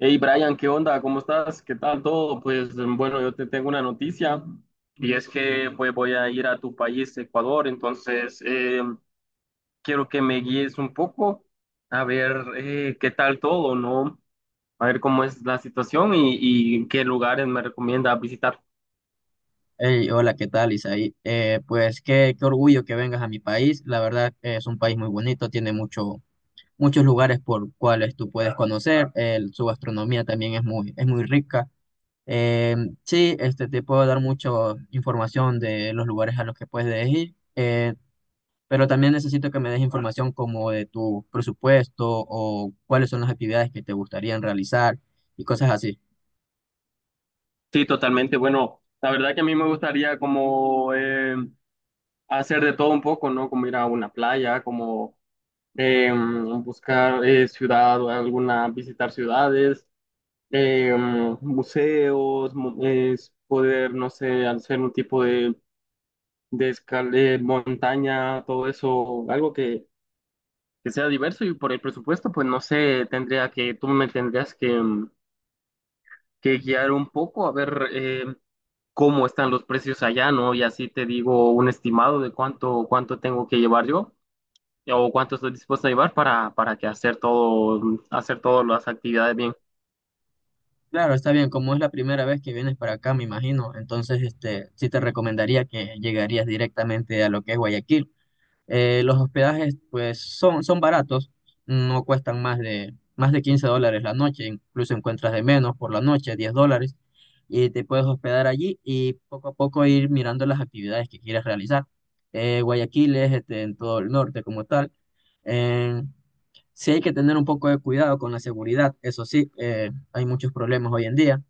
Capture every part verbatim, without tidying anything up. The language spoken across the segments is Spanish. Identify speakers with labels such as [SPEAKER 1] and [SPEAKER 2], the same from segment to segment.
[SPEAKER 1] Hey Brian, ¿qué onda? ¿Cómo estás? ¿Qué tal todo? Pues bueno, yo te tengo una noticia y es que pues voy a ir a tu país, Ecuador, entonces eh, quiero que me guíes un poco a ver eh, qué tal todo, ¿no? A ver cómo es la situación y, y qué lugares me recomiendas visitar.
[SPEAKER 2] Hey, hola, ¿qué tal, Isaí? Eh, pues qué, qué orgullo que vengas a mi país. La verdad eh, es un país muy bonito, tiene mucho, muchos lugares por cuales tú puedes conocer. El- su gastronomía también es muy, es muy rica. Eh, sí, este, te puedo dar mucha información de los lugares a los que puedes ir, eh, pero también necesito que me des información como de tu presupuesto o cuáles son las actividades que te gustarían realizar y cosas así.
[SPEAKER 1] Sí, totalmente. Bueno, la verdad que a mí me gustaría como eh, hacer de todo un poco, ¿no? Como ir a una playa, como em, buscar eh, ciudad o alguna, visitar ciudades, eh, mm, museos, mu- es poder, no sé, hacer un tipo de, de escalera, montaña, todo eso, algo que, que sea diverso y por el presupuesto, pues no sé, tendría que, tú me tendrías que, mm, que guiar un poco a ver eh, cómo están los precios allá, ¿no? Y así te digo un estimado de cuánto, cuánto tengo que llevar yo o cuánto estoy dispuesto a llevar para, para que hacer todo, hacer todas las actividades bien.
[SPEAKER 2] Claro, está bien, como es la primera vez que vienes para acá, me imagino, entonces este, sí te recomendaría que llegarías directamente a lo que es Guayaquil. Eh, los hospedajes pues son, son baratos, no cuestan más de, más de quince dólares la noche, incluso encuentras de menos por la noche, diez dólares, y te puedes hospedar allí y poco a poco ir mirando las actividades que quieres realizar. Eh, Guayaquil es este, en todo el norte como tal. Eh, sí hay que tener un poco de cuidado con la seguridad, eso sí, eh, hay muchos problemas hoy en día,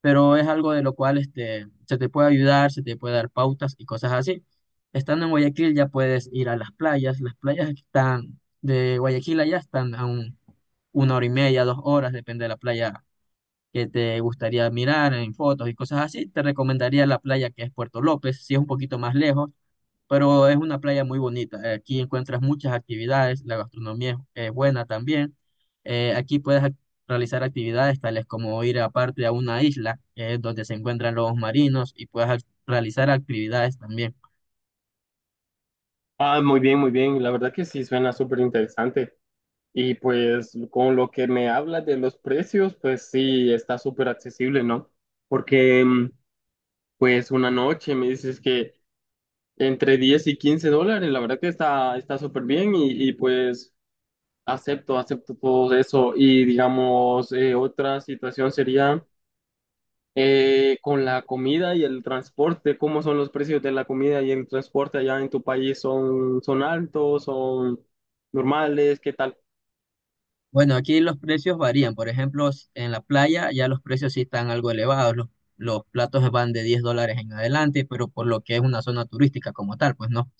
[SPEAKER 2] pero es algo de lo cual este, se te puede ayudar, se te puede dar pautas y cosas así. Estando en Guayaquil ya puedes ir a las playas, las playas que están de Guayaquil allá están a un- una hora y media, dos horas, depende de la playa que te gustaría mirar en fotos y cosas así. Te recomendaría la playa que es Puerto López, si es un poquito más lejos, pero es una playa muy bonita. Eh, Aquí encuentras muchas actividades, la gastronomía es, es buena también. Eh, aquí puedes ac- realizar actividades tales como ir aparte a una isla, que es donde se encuentran lobos marinos, y puedes ac- realizar actividades también.
[SPEAKER 1] Ah, muy bien, muy bien. La verdad que sí suena súper interesante. Y pues con lo que me hablas de los precios, pues sí, está súper accesible, ¿no? Porque mm, pues una noche me dices que entre diez y quince dólares, la verdad que está está súper bien y, y, pues acepto, acepto todo eso. Y digamos, eh, otra situación sería eh, con la comida y el transporte, ¿cómo son los precios de la comida y el transporte allá en tu país? ¿Son, son altos? ¿Son normales? ¿Qué tal?
[SPEAKER 2] Bueno, aquí los precios varían. Por ejemplo, s- en la playa ya los precios sí están algo elevados. Los, los platos van de diez dólares en adelante, pero por lo que es una zona turística como tal, pues no.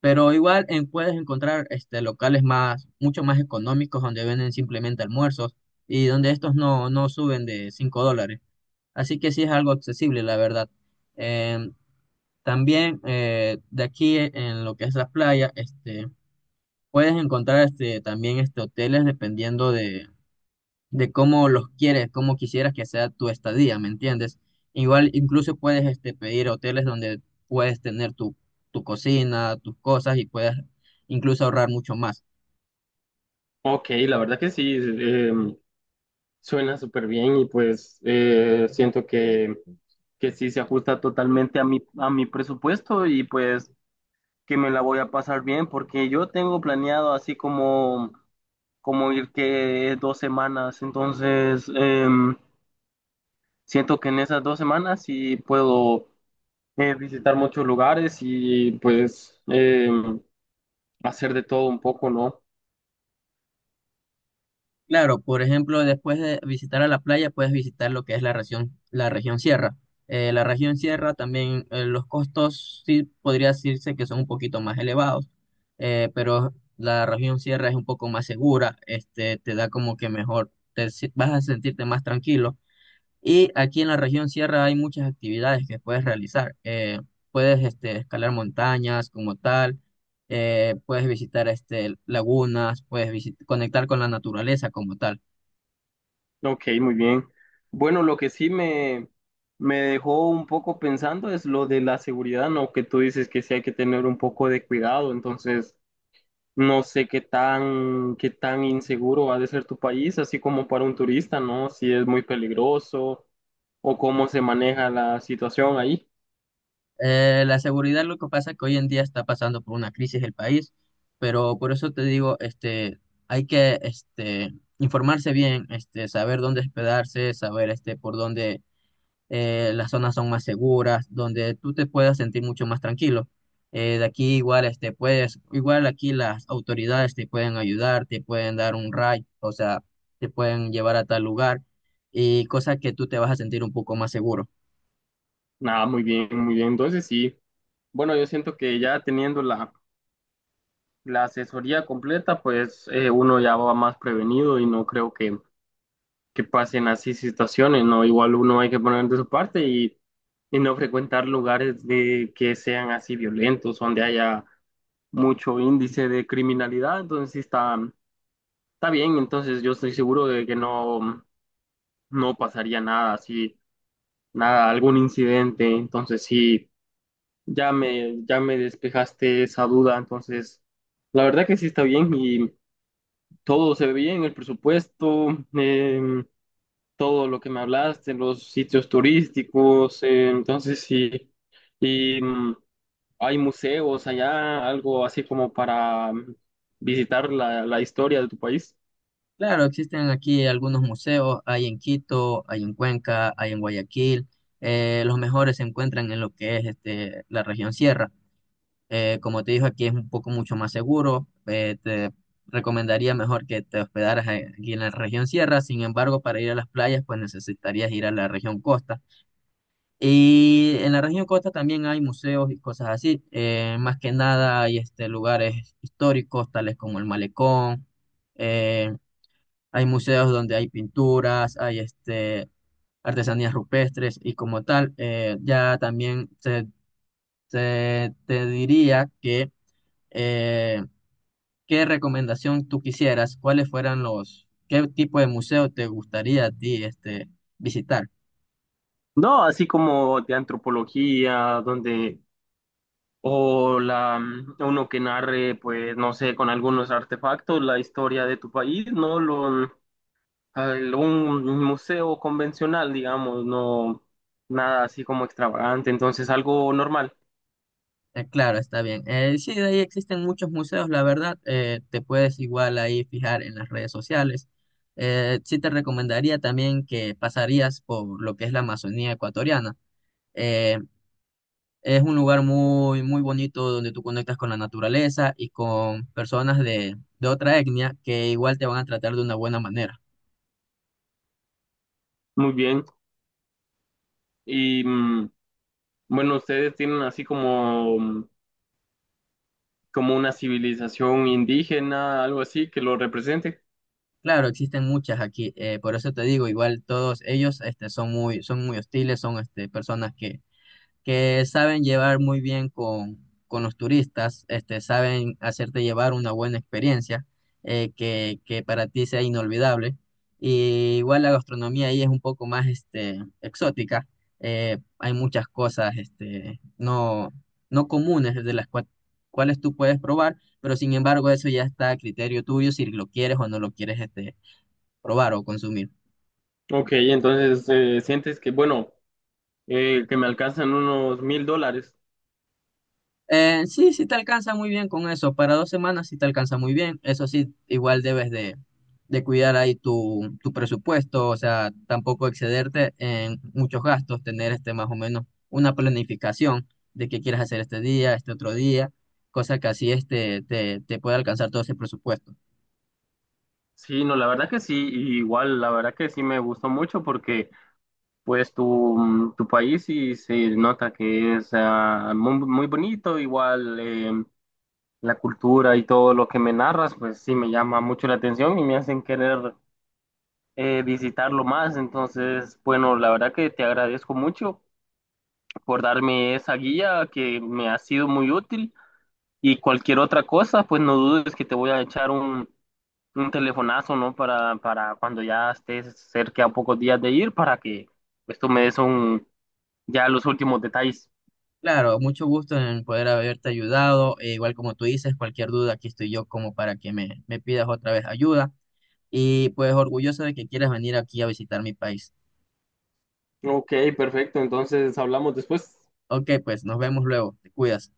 [SPEAKER 2] Pero igual en- puedes encontrar este, locales más, mucho más económicos donde venden simplemente almuerzos y donde estos no, no suben de cinco dólares. Así que sí es algo accesible, la verdad. Eh, También eh, de aquí eh, en lo que es la playa, este, puedes encontrar este, también este, hoteles dependiendo de de cómo los quieres, cómo quisieras que sea tu estadía, ¿me entiendes? Igual incluso puedes este, pedir hoteles donde puedes tener tu, tu cocina, tus cosas y puedes incluso ahorrar mucho más.
[SPEAKER 1] Ok, la verdad que sí, eh, suena súper bien y pues eh, siento que, que sí se ajusta totalmente a mi, a mi presupuesto y pues que me la voy a pasar bien porque yo tengo planeado así como, como ir que dos semanas, entonces em, siento que en esas dos semanas sí puedo eh, visitar muchos lugares y pues em, hacer de todo un poco, ¿no?
[SPEAKER 2] Claro, por ejemplo, después de visitar a la playa, puedes visitar lo que es la región, la región sierra. Eh, la región sierra también, eh, los costos sí podría decirse que son un poquito más elevados, eh, pero la región sierra es un poco más segura, este, te da como que mejor, te si- vas a sentirte más tranquilo. Y aquí en la región sierra hay muchas actividades que puedes realizar. Eh, puedes este, escalar montañas como tal, eh, puedes visitar este, lagunas, puedes visit- conectar con la naturaleza como tal.
[SPEAKER 1] Ok, muy bien. Bueno, lo que sí me, me dejó un poco pensando es lo de la seguridad, ¿no? Que tú dices que sí hay que tener un poco de cuidado, entonces no sé qué tan, qué tan inseguro ha de ser tu país, así como para un turista, ¿no? Si es muy peligroso o cómo se maneja la situación ahí.
[SPEAKER 2] Eh, la seguridad, lo que pasa es que hoy en día está pasando por una crisis el país, pero por eso te digo, este, hay que este, informarse bien, este, saber dónde hospedarse, saber este, por dónde eh, las zonas son más seguras, donde tú te puedas sentir mucho más tranquilo. Eh, de aquí igual este puedes, igual aquí las autoridades te pueden ayudar, te pueden dar un ride, o sea, te pueden llevar a tal lugar y cosa que tú te vas a sentir un poco más seguro.
[SPEAKER 1] Nada, muy bien, muy bien. Entonces sí, bueno, yo siento que ya teniendo la, la asesoría completa, pues eh, uno ya va más prevenido y no creo que que pasen así situaciones, ¿no? Igual uno hay que poner de su parte y, y no frecuentar lugares de, que sean así violentos, donde haya mucho índice de criminalidad, entonces sí está, está bien, entonces yo estoy seguro de que no, no pasaría nada así, nada, algún incidente, entonces sí, ya me, ya me despejaste esa duda, entonces la verdad que sí está bien y todo se ve bien, el presupuesto. em, Todo lo que me hablaste, los sitios turísticos, eh, entonces sí, y mm, hay museos allá, algo así como para mm, visitar la, la historia de tu país.
[SPEAKER 2] Claro, existen aquí algunos museos, hay en Quito, hay en Cuenca, hay en Guayaquil. Eh, los mejores se encuentran en lo que es este, la región sierra. Eh, como te dijo, aquí es un poco mucho más seguro. Eh, te recomendaría mejor que te hospedaras a- aquí en la región sierra. Sin embargo, para ir a las playas, pues necesitarías ir a la región costa. Y en la región Costa también hay museos y cosas así. Eh, más que nada hay este, lugares históricos, tales como el Malecón. eh, Hay museos donde hay pinturas, hay este, artesanías rupestres y como tal, eh, ya también se- se- te diría que eh, ¿qué recomendación tú quisieras? ¿Cuáles fueran los, qué tipo de museo te gustaría a ti este, visitar?
[SPEAKER 1] No, así como de antropología, donde, o la, mm, uno que narre, pues, no sé, con algunos artefactos, la historia de tu país, no lo, mm, al- un museo convencional, digamos, no, nada así como extravagante, entonces algo normal.
[SPEAKER 2] Eh, claro, está bien. Eh, sí, de ahí existen muchos museos, la verdad. Eh, te puedes igual ahí fijar en las redes sociales. Eh, sí te recomendaría también que pasarías por lo que es la Amazonía ecuatoriana. Eh, es un lugar muy, muy bonito donde tú conectas con la naturaleza y con personas de, de otra etnia que igual te van a tratar de una buena manera.
[SPEAKER 1] Muy bien. Y mm, bueno, ustedes tienen así como, como una civilización indígena, algo así, que lo represente.
[SPEAKER 2] Claro, existen muchas aquí, eh, por eso te digo, igual todos ellos este, son muy, son muy hostiles, son este, personas que que saben llevar muy bien con, con los turistas, este, saben hacerte llevar una buena experiencia, eh, que, que para ti sea inolvidable. Y igual la gastronomía ahí es un poco más este, exótica. Eh, hay muchas cosas este, no, no comunes de las cua- cuales tú puedes probar, pero sin embargo eso ya está a criterio tuyo si lo quieres o no lo quieres este, probar o consumir.
[SPEAKER 1] Ok, entonces eh, sientes que, bueno, eh, que me alcanzan unos mil dólares.
[SPEAKER 2] Eh, sí, sí te alcanza muy bien con eso. Para dos semanas sí te alcanza muy bien. Eso sí, igual debes de, de cuidar ahí tu, tu presupuesto, o sea, tampoco excederte en muchos gastos, tener este más o menos una planificación de qué quieres hacer este día, este otro día, cosa que así este, te, te puede alcanzar todo ese presupuesto.
[SPEAKER 1] Sí, no, la verdad que sí, y igual, la verdad que sí me gustó mucho porque pues tu, mm, tu país sí se nota que es ah, muy, muy bonito, igual eh, la cultura y todo lo que me narras, pues sí me llama mucho la atención y me hacen querer eh, visitarlo más. Entonces, bueno, la verdad que te agradezco mucho por darme esa guía que me ha sido muy útil y cualquier otra cosa, pues no dudes que te voy a echar un, un telefonazo, ¿no? Para, para cuando ya estés cerca a pocos días de ir, para que pues, tú me des un, ya los últimos detalles.
[SPEAKER 2] Claro, mucho gusto en poder haberte ayudado. e igual, como tú dices, cualquier duda, aquí estoy yo como para que me, me pidas otra vez ayuda. Y pues orgulloso de que quieras venir aquí a visitar mi país.
[SPEAKER 1] Ok, perfecto. Entonces hablamos después.
[SPEAKER 2] Ok, pues nos vemos luego. Te cuidas.